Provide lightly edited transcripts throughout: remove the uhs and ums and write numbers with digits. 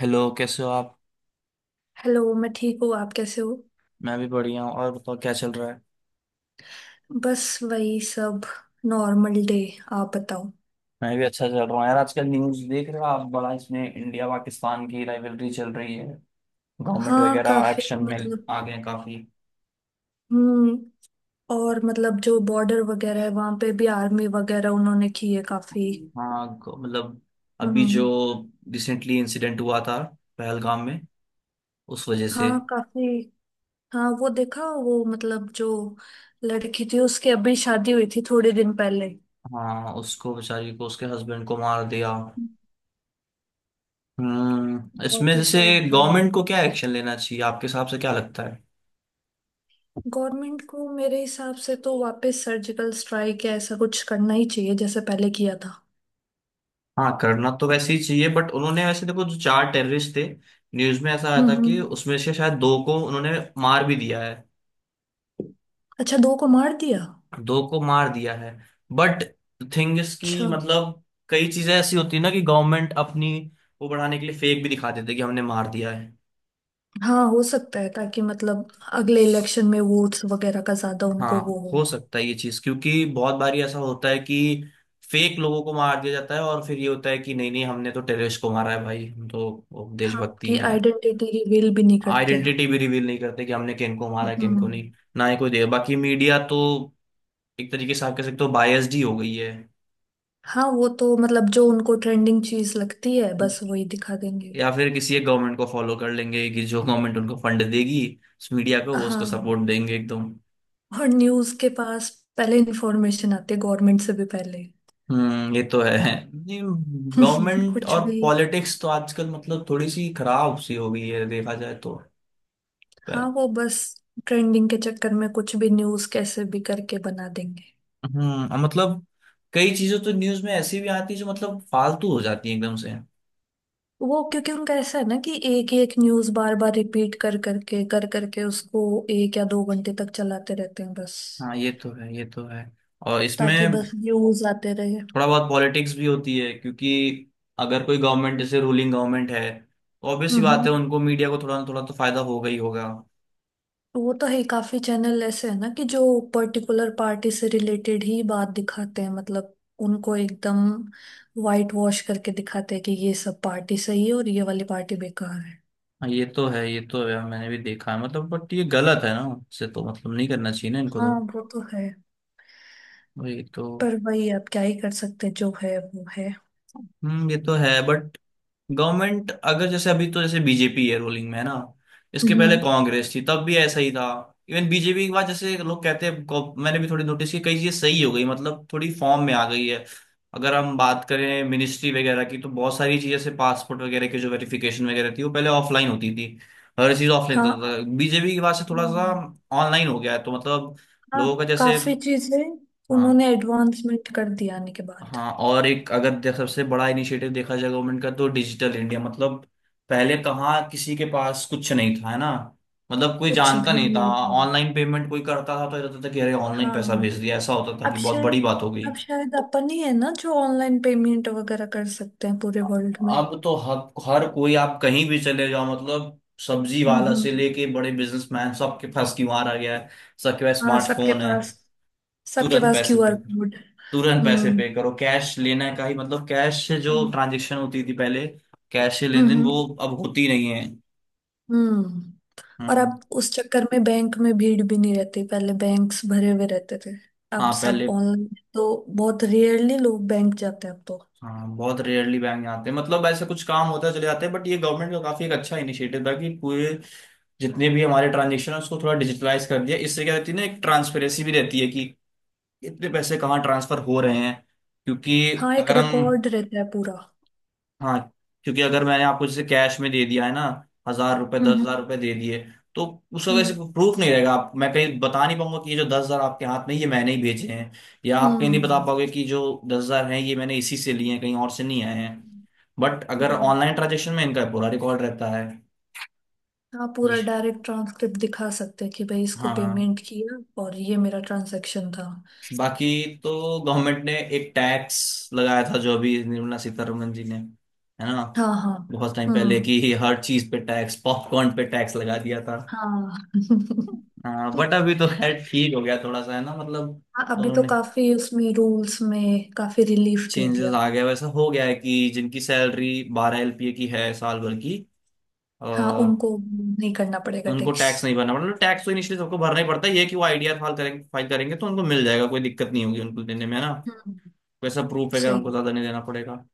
Hello, कैसे हो आप। हेलो। मैं ठीक हूँ। आप कैसे हो? मैं भी बढ़िया हूँ। और बताओ, क्या चल रहा है। बस वही सब। Normal day. आप बताओ। मैं भी अच्छा चल रहा हूँ यार। आजकल न्यूज़ देख रहे हो आप? बड़ा इसमें इंडिया पाकिस्तान की राइवलरी चल रही है। गवर्नमेंट हाँ वगैरह काफी, एक्शन में मतलब। आ गए हैं काफी। हम्म। और मतलब जो बॉर्डर वगैरह है वहां पे भी आर्मी वगैरह उन्होंने की है काफी। हाँ, मतलब अभी जो हम्म। रिसेंटली इंसिडेंट हुआ था पहलगाम में, उस वजह से। हाँ काफी। हाँ, वो देखा। वो मतलब जो लड़की थी, उसकी अभी शादी हुई थी थोड़े दिन पहले। हाँ, उसको बेचारी को उसके हस्बैंड को मार दिया। बहुत इसमें ही जैसे सैड था ये तो। गवर्नमेंट को क्या एक्शन लेना चाहिए, आपके हिसाब से क्या लगता है? गवर्नमेंट को मेरे हिसाब से तो वापस सर्जिकल स्ट्राइक या ऐसा कुछ करना ही चाहिए, जैसे पहले किया था। हाँ, करना तो वैसे ही चाहिए। बट उन्होंने वैसे देखो, जो चार टेररिस्ट थे, न्यूज में ऐसा आया था हम्म। कि उसमें से शायद दो को उन्होंने मार भी दिया है। अच्छा, दो को मार दिया। दो को मार दिया है। बट थिंग इज कि अच्छा। मतलब कई चीजें ऐसी होती है ना कि गवर्नमेंट अपनी वो बढ़ाने के लिए फेक भी दिखा देते कि हमने मार दिया है। हाँ, हो सकता है, ताकि मतलब अगले इलेक्शन में वोट्स वगैरह का ज्यादा उनको हाँ, वो हो। हो सकता है ये चीज। क्योंकि बहुत बारी ऐसा होता है कि फेक लोगों को मार दिया जाता है, और फिर ये होता है कि नहीं नहीं, हमने तो टेररिस्ट को मारा है भाई, हम तो वो हाँ, देशभक्ति उनकी हैं। आइडेंटिटी रिवील भी नहीं करते। आइडेंटिटी भी रिवील नहीं करते कि हमने किनको मारा किनको हम्म। नहीं। ना ही कोई दे। बाकी मीडिया तो एक तरीके से आप कह सकते हो बायस्ड ही हो गई है। हाँ, वो तो मतलब जो उनको ट्रेंडिंग चीज लगती है बस वही दिखा देंगे। या फिर किसी एक गवर्नमेंट को फॉलो कर लेंगे कि जो गवर्नमेंट उनको फंड देगी, उस मीडिया को वो उसको हाँ, सपोर्ट देंगे एकदम। और न्यूज के पास पहले इंफॉर्मेशन आती है गवर्नमेंट से भी पहले। ये तो है। गवर्नमेंट कुछ और भी। पॉलिटिक्स तो आजकल मतलब थोड़ी सी खराब सी हो गई है, देखा जाए तो। हाँ, पहले। वो बस ट्रेंडिंग के चक्कर में कुछ भी न्यूज कैसे भी करके बना देंगे। और मतलब कई चीजें तो न्यूज में ऐसी भी आती है जो मतलब फालतू हो जाती है एकदम से। वो, क्योंकि उनका ऐसा है ना कि एक ही एक न्यूज बार बार रिपीट कर करके उसको एक या दो घंटे तक चलाते रहते हैं बस। हाँ, ये तो है ये तो है। और ताकि इसमें बस न्यूज आते रहे। थोड़ा बहुत पॉलिटिक्स भी होती है, क्योंकि अगर कोई गवर्नमेंट जैसे रूलिंग गवर्नमेंट है तो ऑब्वियस सी बात हम्म। है उनको मीडिया को थोड़ा ना थोड़ा तो फायदा होगा ही होगा। वो तो है ही, काफी चैनल ऐसे है ना कि जो पर्टिकुलर पार्टी से रिलेटेड ही बात दिखाते हैं, मतलब उनको एकदम वाइट वॉश करके दिखाते हैं कि ये सब पार्टी सही है और ये वाली पार्टी बेकार है। हाँ, ये तो है ये तो है, मैंने भी देखा है मतलब। बट ये गलत है ना। इससे तो मतलब नहीं करना चाहिए ना इनको हाँ तो। वो तो है। ये तो पर वही, आप क्या ही कर सकते हैं, जो है वो है। ये तो है। बट गवर्नमेंट अगर जैसे अभी तो जैसे बीजेपी है रूलिंग में है ना, इसके पहले हम्म। कांग्रेस थी तब भी ऐसा ही था। इवन बीजेपी के बाद जैसे लोग कहते हैं मैंने भी थोड़ी नोटिस की, कई चीजें सही हो गई, मतलब थोड़ी फॉर्म में आ गई है। अगर हम बात करें मिनिस्ट्री वगैरह की, तो बहुत सारी चीजें जैसे पासपोर्ट वगैरह की जो वेरिफिकेशन वगैरह थी वो पहले ऑफलाइन होती थी। हर चीज ऑफलाइन हाँ। होता था। तो बीजेपी के बाद से थोड़ा सा हम्म। ऑनलाइन हो गया है। तो मतलब हाँ, लोगों का जैसे काफी चीजें हाँ उन्होंने एडवांसमेंट कर दिया आने के बाद। हाँ। और एक अगर सबसे बड़ा इनिशिएटिव देखा जाए गवर्नमेंट का तो डिजिटल इंडिया, मतलब पहले कहाँ किसी के पास कुछ नहीं था है ना। मतलब कोई कुछ जानता भी नहीं था। नहीं है। ऑनलाइन पेमेंट कोई करता था तो ये होता था कि अरे ऑनलाइन पैसा हाँ, भेज दिया, ऐसा होता था अब कि बहुत शायद बड़ी बात हो गई। अब शायद अपन ही है ना जो ऑनलाइन पेमेंट वगैरह कर सकते हैं पूरे वर्ल्ड में। अब तो हर कोई, आप कहीं भी चले जाओ, मतलब सब्जी हम्म। वाला से हम्म। लेके बड़े बिजनेसमैन सबके पास क्यूआर आ गया है। सबके पास हाँ सबके स्मार्टफोन है। पास सबके तुरंत पास पैसे क्यूआर पे, कोड। तुरंत पैसे हम्म। पे करो। कैश लेना का ही मतलब, कैश से जो हम्म। ट्रांजेक्शन होती थी पहले, कैश से लेन देन हम्म। वो अब होती नहीं है। हम्म। और हम्म। अब उस चक्कर में बैंक में भीड़ भी नहीं रहती, पहले बैंक्स भरे हुए रहते थे। अब हाँ, सब पहले ऑनलाइन। तो बहुत रेयरली लोग बैंक जाते हैं अब तो। हाँ बहुत रेयरली बैंक आते हैं, मतलब ऐसे कुछ काम होता है चले जाते हैं। बट ये गवर्नमेंट का काफी एक अच्छा इनिशिएटिव था कि पूरे जितने भी हमारे ट्रांजेक्शन है उसको थोड़ा डिजिटलाइज कर दिया। इससे क्या रहती है ना, एक ट्रांसपेरेंसी भी रहती है कि इतने पैसे कहाँ ट्रांसफर हो रहे हैं, क्योंकि हाँ, एक अगर हम रिकॉर्ड रहता है पूरा। हाँ। क्योंकि अगर मैंने आपको जैसे कैश में दे दिया है ना, हजार रुपए दस हम्म। हजार रुपए दे दिए, तो उस वजह हम्म। से प्रूफ नहीं रहेगा। आप मैं कहीं बता नहीं पाऊंगा कि ये जो 10,000 आपके हाथ में ये मैंने ही भेजे हैं, या आप कहीं नहीं बता हम्म। पाओगे कि जो 10,000 हैं ये मैंने इसी से लिए हैं, कहीं और से नहीं आए हैं। हम्म। बट अगर हम्म। ऑनलाइन ट्रांजेक्शन में इनका पूरा रिकॉर्ड रहता है। आप पूरा ये- डायरेक्ट ट्रांसक्रिप्ट दिखा सकते हैं कि भाई इसको हाँ। पेमेंट किया, और ये मेरा ट्रांजैक्शन था। बाकी तो गवर्नमेंट ने एक टैक्स लगाया था, जो अभी निर्मला सीतारमन जी ने है ना, हाँ हाँ। बहुत टाइम पहले, हम्म। कि हर चीज पे टैक्स, पॉपकॉर्न पे टैक्स लगा दिया था। हाँ। हाँ, बट अभी तो खैर ठीक हो गया थोड़ा सा है ना मतलब। हाँ, अभी तो उन्होंने काफी उसमें रूल्स में काफी रिलीफ दे चेंजेस दिया। आ गए, वैसा हो गया है कि जिनकी सैलरी 12 एलपीए की है साल भर की आ, हाँ, उनको नहीं करना पड़ेगा उनको टैक्स। टैक्स नहीं भरना पड़ता। मतलब टैक्स तो इनिशियली सबको भरना ही पड़ता है। ये कि वो आईडीआर फाइल करेंगे, फाइल करेंगे तो उनको मिल जाएगा, कोई दिक्कत नहीं होगी उनको देने में है ना। हम्म। वैसा प्रूफ वगैरह उनको सही। ज्यादा नहीं देना पड़ेगा।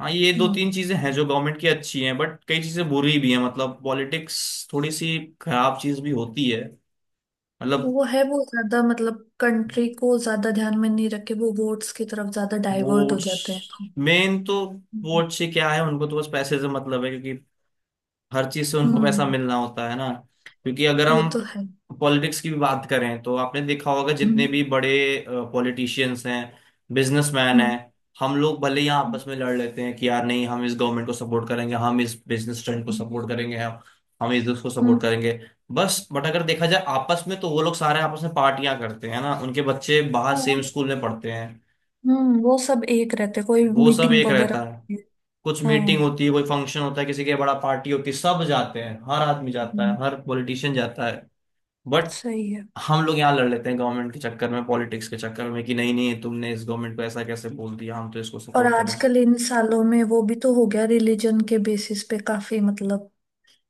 हाँ, ये दो तीन हम्म। चीजें हैं जो गवर्नमेंट की अच्छी हैं, बट कई चीजें बुरी भी हैं, मतलब पॉलिटिक्स थोड़ी सी खराब चीज भी होती है। मतलब वो है, वो ज्यादा मतलब कंट्री को ज्यादा ध्यान में नहीं रखे, वो वोट्स की तरफ ज्यादा डाइवर्ट हो वोट्स जाते हैं तो। मेन तो। हम्म। वोट से क्या है, उनको तो बस पैसे से मतलब है, क्योंकि हर चीज से उनको पैसा हम्म, मिलना होता है ना। क्योंकि अगर वो हम तो है। पॉलिटिक्स की भी बात करें, तो आपने देखा होगा जितने हम्म। भी बड़े पॉलिटिशियंस हैं, बिजनेसमैन हम्म। हैं, हम लोग भले ही यहाँ हम्म, आपस में लड़ लेते हैं कि यार नहीं, हम इस गवर्नमेंट को सपोर्ट करेंगे, हम इस बिजनेस ट्रेंड को हम्म, सपोर्ट करेंगे, हम इस को हम्म। सपोर्ट करेंगे बस। बट अगर देखा जाए आपस में, तो वो लोग सारे आपस में पार्टियां करते हैं ना, उनके बच्चे बाहर हाँ, सेम स्कूल में पढ़ते हैं, वो सब एक रहते, कोई वो सब मीटिंग एक वगैरह रहता है। नहीं है। कुछ मीटिंग हाँ। होती है, कोई फंक्शन होता है, किसी के बड़ा पार्टी होती है, सब जाते हैं, हर आदमी जाता हम्म, है, हर पॉलिटिशियन जाता है। बट सही है। हम लोग यहाँ लड़ लेते हैं गवर्नमेंट के चक्कर में, पॉलिटिक्स के चक्कर में, कि नहीं नहीं तुमने इस गवर्नमेंट को ऐसा कैसे बोल दिया, हम तो इसको और सपोर्ट करेंगे। आजकल इन सालों में वो भी तो हो गया रिलीजन के बेसिस पे काफी, मतलब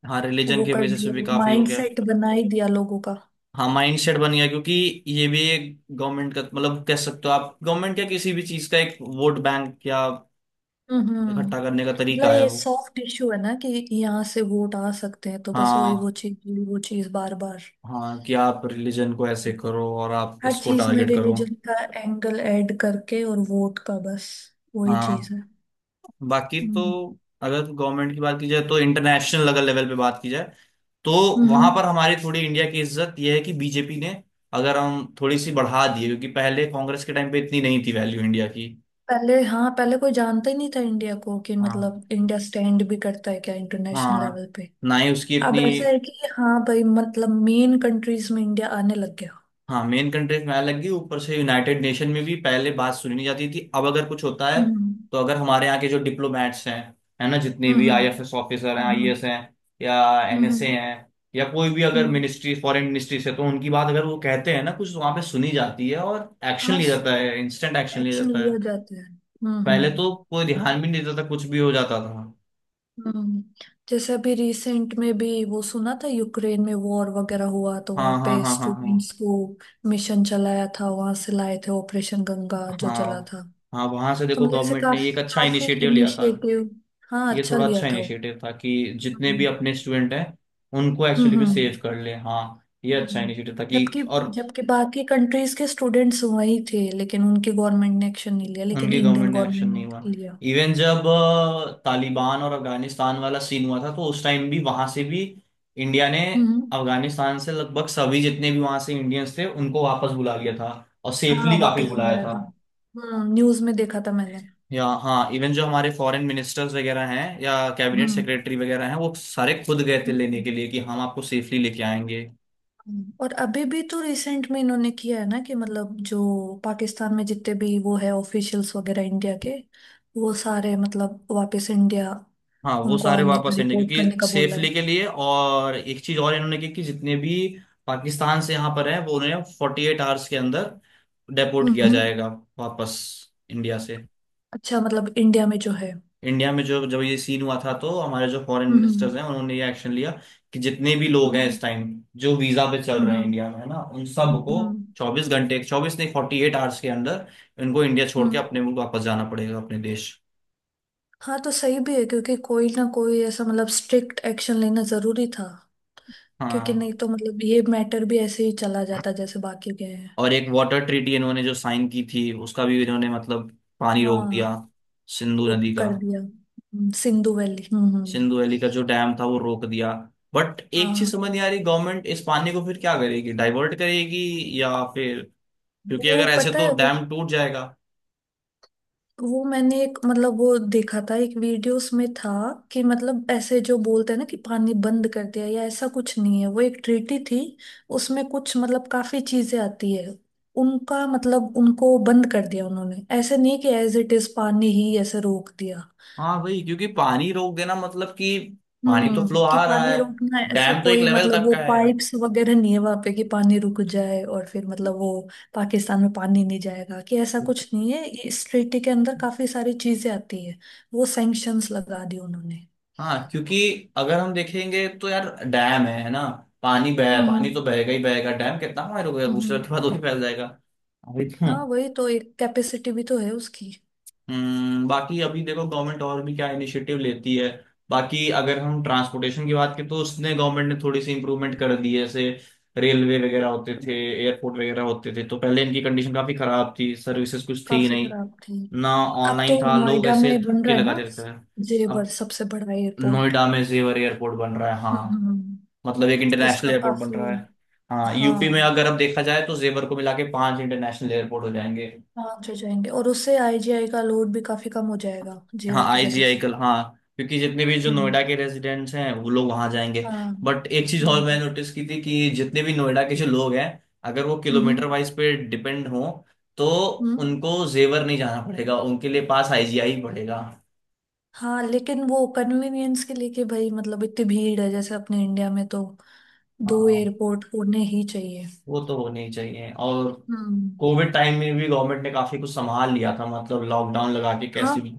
हाँ, रिलीजन वो के कर बेसिस पे भी दिया, काफी हो गया। माइंडसेट बना ही दिया लोगों का। हाँ, माइंड सेट बन गया, क्योंकि ये भी एक गवर्नमेंट का, मतलब कह सकते हो आप, गवर्नमेंट या किसी भी चीज का एक वोट बैंक या हम्म। हम्म। इकट्ठा करने का मतलब तरीका है ये वो। सॉफ्ट इशू है ना कि यहाँ से वोट आ सकते हैं, तो बस हाँ वही वो चीज बार बार। हाँ, कि आप रिलीजन को ऐसे करो और आप हर इसको चीज में टारगेट करो। रिलीजन का एंगल ऐड करके और वोट का बस, वही चीज हाँ। है। बाकी तो हम्म। अगर गवर्नमेंट की बात की जाए, तो इंटरनेशनल अगर लेवल पे बात की जाए तो वहां पर हम्म। हमारी थोड़ी इंडिया की इज्जत यह है कि बीजेपी ने अगर हम थोड़ी सी बढ़ा दी है, क्योंकि पहले कांग्रेस के टाइम पे इतनी नहीं थी वैल्यू इंडिया की। पहले, हाँ, पहले कोई जानता ही नहीं था इंडिया को, कि हाँ मतलब इंडिया स्टैंड भी करता है क्या इंटरनेशनल हाँ। लेवल पे। ना ही उसकी अब इतनी। ऐसा है कि हाँ भाई, मतलब मेन कंट्रीज में इंडिया आने लग गया। हाँ, मेन कंट्रीज में अलग लगी, ऊपर से यूनाइटेड नेशन में भी पहले बात सुनी नहीं जाती थी। अब अगर कुछ होता है, हम्म। तो अगर हमारे यहाँ के जो डिप्लोमेट्स हैं, है ना जितने भी हम्म। आईएफएस ऑफिसर हैं, हम्म। आईएएस हैं, या एनएसए हम्म। हैं, या कोई भी अगर हम्म। मिनिस्ट्री, फॉरेन मिनिस्ट्री से, तो उनकी बात अगर वो कहते हैं ना कुछ, तो वहाँ पे सुनी जाती है और एक्शन हाँ, लिया जाता है, इंस्टेंट एक्शन लिया एक्शन जाता है। लिया जाता है। हम्म। पहले हम्म। तो कोई ध्यान भी नहीं देता था, कुछ भी हो जाता था। हम्म। जैसे अभी रिसेंट में भी वो सुना था, यूक्रेन में वॉर वगैरह हुआ तो हाँ वहाँ हाँ पे हाँ हाँ हाँ। स्टूडेंट्स को मिशन चलाया था, वहां से लाए थे, ऑपरेशन गंगा जो चला हाँ, था। हाँ वहां से तो देखो मुझे ऐसे गवर्नमेंट ने काफी एक अच्छा काफी इनिशिएटिव लिया था। इनिशिएटिव। हाँ, ये अच्छा थोड़ा लिया अच्छा था वो। इनिशिएटिव था कि जितने भी हम्म। अपने स्टूडेंट हैं उनको हम्म। एक्चुअली में सेव कर ले, हाँ। ये अच्छा हम्म। इनिशिएटिव था कि जबकि और जबकि बाकी कंट्रीज के स्टूडेंट्स वही थे, लेकिन उनकी गवर्नमेंट ने एक्शन नहीं लिया, लेकिन उनकी इंडियन गवर्नमेंट ने एक्शन गवर्नमेंट नहीं हुआ। ने लिया। इवन जब तालिबान और अफगानिस्तान वाला सीन हुआ था, तो उस टाइम भी वहां से भी इंडिया ने हम्म। अफगानिस्तान से लगभग सभी जितने भी वहां से इंडियंस थे उनको वापस बुला लिया था, और हाँ, सेफली काफी वापस बुलाया बुलाया था। था। हम्म, न्यूज में देखा था मैंने। या हाँ, इवन जो हमारे फॉरेन मिनिस्टर्स वगैरह हैं या कैबिनेट हम्म। सेक्रेटरी वगैरह हैं वो सारे खुद गए थे लेने हम्म, के लिए, कि हम आपको सेफली लेके आएंगे। और अभी भी तो रिसेंट में इन्होंने किया है ना कि मतलब जो पाकिस्तान में जितने भी वो है ऑफिशियल्स वगैरह इंडिया के, वो सारे मतलब वापस इंडिया। हाँ, वो उनको सारे आने का वापस लेंगे रिपोर्ट करने क्योंकि का बोला सेफली है। के लिए। और एक चीज और इन्होंने की कि जितने भी पाकिस्तान से यहाँ पर हैं, वो उन्हें 48 आवर्स के अंदर डेपोर्ट हम्म। किया हम्म। जाएगा वापस इंडिया से। अच्छा, मतलब इंडिया में जो है। इंडिया में जो जब ये सीन हुआ था तो हमारे जो फॉरेन मिनिस्टर्स हम्म। हैं उन्होंने ये एक्शन लिया कि जितने भी लोग हैं हम्म। इस टाइम जो वीजा पे चल हम्म। रहे हैं हम्म। इंडिया में है ना उन सबको हम्म। 24 घंटे, चौबीस नहीं 48 आवर्स के अंदर इनको इंडिया छोड़ के हम्म। अपने मुल्क वापस जाना पड़ेगा, अपने देश। हाँ, तो सही भी है क्योंकि कोई ना कोई ऐसा मतलब स्ट्रिक्ट एक्शन लेना जरूरी था। क्योंकि नहीं हाँ, तो मतलब ये मैटर भी ऐसे ही चला जाता, जैसे बाकी गए हैं। और एक वाटर ट्रीटी इन्होंने जो साइन की थी उसका भी इन्होंने मतलब पानी रोक दिया, हाँ, सिंधु वो नदी का। कर दिया। सिंधु वैली। हम्म। हम्म। सिंधु वैली का जो डैम था वो रोक दिया। बट एक चीज हाँ, समझ नहीं आ रही, गवर्नमेंट इस पानी को फिर क्या करेगी, डाइवर्ट करेगी या फिर? क्योंकि वो अगर ऐसे पता तो है। वो डैम टूट जाएगा। वो मैंने एक, मतलब वो देखा था, एक वीडियोस में था कि मतलब ऐसे जो बोलते हैं ना कि पानी बंद कर दिया या ऐसा कुछ नहीं है, वो एक ट्रीटी थी। उसमें कुछ मतलब काफी चीजें आती है। उनका मतलब उनको बंद कर दिया उन्होंने, ऐसे नहीं कि एज इट इज पानी ही ऐसे रोक दिया। हाँ भाई, क्योंकि पानी रोक देना मतलब कि पानी तो हम्म, फ्लो कि आ रहा पानी है, रुकना है, ऐसा डैम तो एक कोई लेवल मतलब तक वो का है। पाइप्स वगैरह नहीं है वहां पे कि पानी रुक जाए, और फिर मतलब वो पाकिस्तान में पानी नहीं जाएगा, कि ऐसा कुछ नहीं है। ये इस treaty के अंदर काफी सारी चीजें आती है। वो सैंक्शंस लगा दी उन्होंने। हाँ, क्योंकि अगर हम देखेंगे तो यार डैम है ना, पानी बह हम्म। पानी तो बहेगा ही बहेगा, डैम कितना बार हो गया दूसरे हम्म। के बाद वो भी फैल जाएगा। अभी तो हाँ, वही तो, एक कैपेसिटी भी तो है उसकी। बाकी अभी देखो, गवर्नमेंट और भी क्या इनिशिएटिव लेती है। बाकी अगर हम ट्रांसपोर्टेशन की बात करें तो उसने गवर्नमेंट ने थोड़ी सी इंप्रूवमेंट कर दी है। जैसे रेलवे वगैरह होते थे, एयरपोर्ट वगैरह होते थे, तो पहले इनकी कंडीशन काफी खराब थी, सर्विसेज कुछ थी ही काफी नहीं। खराब थी। ना, अब तो ऑनलाइन था, लोग नोएडा ऐसे में बन धक्के रहा है लगाते ना, रहते थे। जेवर, अब सबसे बड़ा एयरपोर्ट। नोएडा में जेवर एयरपोर्ट बन रहा है, हम्म। हाँ। मतलब एक इंटरनेशनल उसका एयरपोर्ट बन काफी। रहा है। हाँ, यूपी में हाँ अगर अब देखा जाए तो जेवर को मिला के पांच इंटरनेशनल एयरपोर्ट हो जाएंगे। हाँ, अच्छे जाएंगे, और उससे आईजीआई का लोड भी काफी कम हो जाएगा हाँ जेवर की वजह आईजीआई से। कल, हाँ, क्योंकि जितने भी जो हम्म। नोएडा के रेजिडेंट्स हैं वो लोग वहां जाएंगे। हाँ। बट एक चीज और हम्म। मैंने नोटिस की थी कि जितने भी नोएडा के जो लोग हैं, अगर वो किलोमीटर हम्म। वाइज पे डिपेंड हो तो हम्म। उनको जेवर नहीं जाना पड़ेगा, उनके लिए पास आईजीआई ही पड़ेगा। हाँ, लेकिन वो कन्वीनियंस के लिए कि भाई मतलब इतनी भीड़ है, जैसे अपने इंडिया में, तो दो हाँ एयरपोर्ट होने ही चाहिए। वो तो होने ही चाहिए। और हम्म। कोविड टाइम में भी गवर्नमेंट ने काफी कुछ संभाल लिया था, मतलब लॉकडाउन लगा के हाँ, कैसे भी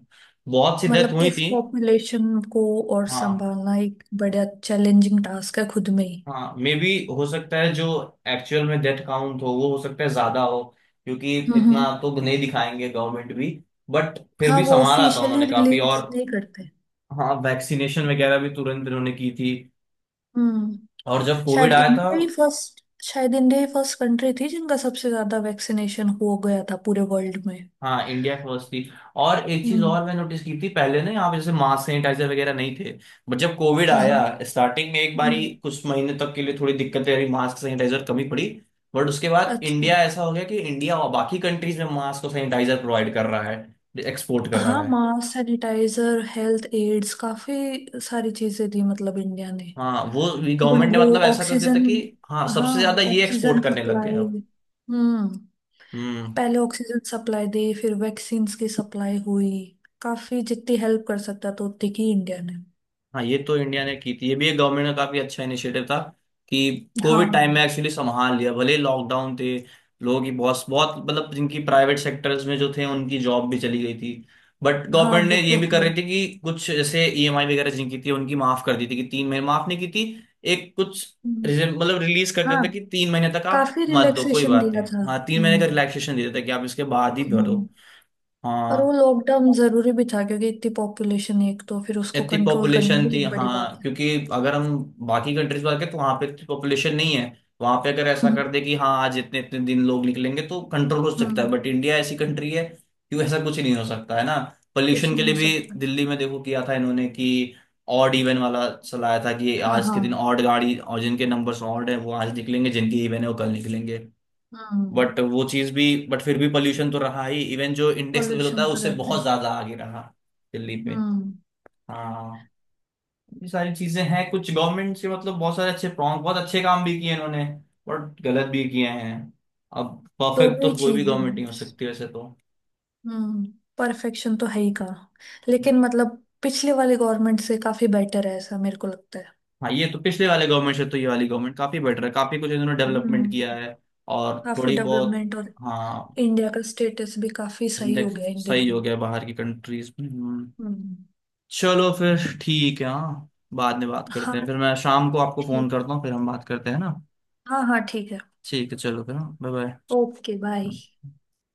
बहुत सी डेथ मतलब हुई इस थी। पॉपुलेशन को और हाँ, संभालना एक बड़ा चैलेंजिंग टास्क है खुद में ही। हाँ, मे बी हो सकता है जो एक्चुअल में डेथ काउंट हो वो हो सकता है ज्यादा हो, क्योंकि हम्म। इतना तो नहीं दिखाएंगे गवर्नमेंट भी। बट फिर हाँ, भी वो संभाला था ऑफिशियली उन्होंने काफी। रिलीज और नहीं करते। हाँ वैक्सीनेशन वगैरह भी तुरंत इन्होंने की थी। हम्म। और जब कोविड शायद आया था। इंडिया ही फर्स्ट शायद इंडिया ही फर्स्ट कंट्री थी जिनका सबसे ज्यादा वैक्सीनेशन हो गया था पूरे वर्ल्ड में। हाँ इंडिया फर्स्ट थी। और एक चीज हम्म और मैं नोटिस की थी, पहले ना यहाँ पे जैसे मास्क सैनिटाइजर वगैरह नहीं थे। बट जब कोविड हाँ हाँ। आया, स्टार्टिंग में एक बारी हम्म। कुछ महीने तक के लिए थोड़ी दिक्कतें रही, मास्क सैनिटाइजर कमी पड़ी। बट उसके बाद अच्छा। इंडिया ऐसा हो गया कि इंडिया और बाकी कंट्रीज में मास्क और सैनिटाइजर प्रोवाइड कर रहा है, एक्सपोर्ट कर हाँ, रहा है। मास्क सैनिटाइजर हेल्थ एड्स, काफी सारी चीजें दी मतलब इंडिया ने। हाँ, वो इवन गवर्नमेंट ने वो मतलब ऐसा कर दिया था ऑक्सीजन। कि हाँ सबसे हाँ, ज्यादा ये ऑक्सीजन एक्सपोर्ट करने लग गए सप्लाई। अब। हम्म। हम्म। पहले ऑक्सीजन सप्लाई दी, फिर वैक्सीन्स की सप्लाई हुई। काफी जितनी हेल्प कर सकता था उतनी की इंडिया ने। हाँ, ये तो इंडिया ने की थी, ये भी एक गवर्नमेंट का काफी अच्छा इनिशिएटिव था, कि हाँ कोविड टाइम में एक्चुअली संभाल लिया, भले लॉकडाउन थे। लोगों की बहुत बहुत मतलब जिनकी प्राइवेट सेक्टर्स में जो थे उनकी जॉब भी चली गई थी। बट हाँ गवर्नमेंट वो ने ये तो भी कर है। रही थी कि कुछ जैसे ईएमआई वगैरह जिनकी थी उनकी माफ कर दी थी, कि 3 महीने माफ नहीं की थी, एक कुछ हम्म, मतलब रिलीज कर देता था हाँ, कि 3 महीने तक आप काफी मत दो कोई रिलैक्सेशन बात दिया नहीं। था। हाँ तीन महीने का हम्म। रिलैक्सेशन दे देता था कि आप इसके बाद ही भर दो। हम्म। और वो हाँ लॉकडाउन जरूरी भी था, क्योंकि इतनी पॉपुलेशन है, एक तो फिर उसको इतनी कंट्रोल करना पॉपुलेशन बहुत थी, बड़ी बात हाँ, है। क्योंकि अगर हम बाकी कंट्रीज में तो वहां पे इतनी पॉपुलेशन नहीं है। वहां पे अगर ऐसा हम्म। कर दे कि हाँ आज इतने इतने दिन लोग निकलेंगे तो कंट्रोल हो सकता है। हम्म। बट इंडिया ऐसी कंट्री है कि ऐसा कुछ नहीं हो सकता, है ना। कुछ पोल्यूशन नहीं के हो लिए भी सकता। दिल्ली में देखो, किया था इन्होंने कि ऑड इवन वाला चलाया था कि हाँ आज के दिन हाँ। ऑड गाड़ी, और जिनके नंबर्स ऑड है वो आज निकलेंगे, जिनके इवन है वो कल निकलेंगे। हम्म। बट वो चीज भी, बट फिर भी पोल्यूशन तो रहा ही, इवन जो इंडेक्स लेवल होता पॉल्यूशन है तो उससे रहता है। बहुत ज्यादा आगे रहा, दिल्ली में। हम्म। हाँ। ये सारी चीजें हैं, कुछ गवर्नमेंट से मतलब बहुत सारे अच्छे प्रॉन्ग बहुत अच्छे काम भी किए इन्होंने, और गलत भी किए हैं। अब परफेक्ट दोनों ही तो कोई भी चीजें। गवर्नमेंट नहीं हो सकती वैसे तो। हम्म। परफेक्शन तो है ही का। लेकिन मतलब पिछले वाले गवर्नमेंट से काफी बेटर है, ऐसा मेरे को लगता है। हाँ ये तो पिछले वाले गवर्नमेंट से तो ये वाली गवर्नमेंट काफी बेटर है, काफी कुछ इन्होंने डेवलपमेंट किया हम्म। है। और काफी थोड़ी बहुत। डेवलपमेंट। और हाँ इंडिया का स्टेटस भी काफी सही हो index गया इन सही दिनों। हो गया बाहर की कंट्रीज में। हम्म। हम्म। चलो फिर ठीक है। हाँ बाद में बात करते हाँ, हैं, फिर मैं शाम को आपको फोन ठीक। करता हूँ फिर हम बात करते हैं ना। हाँ हाँ, ठीक है। ठीक है चलो फिर। बाय। Okay, bye. बाय।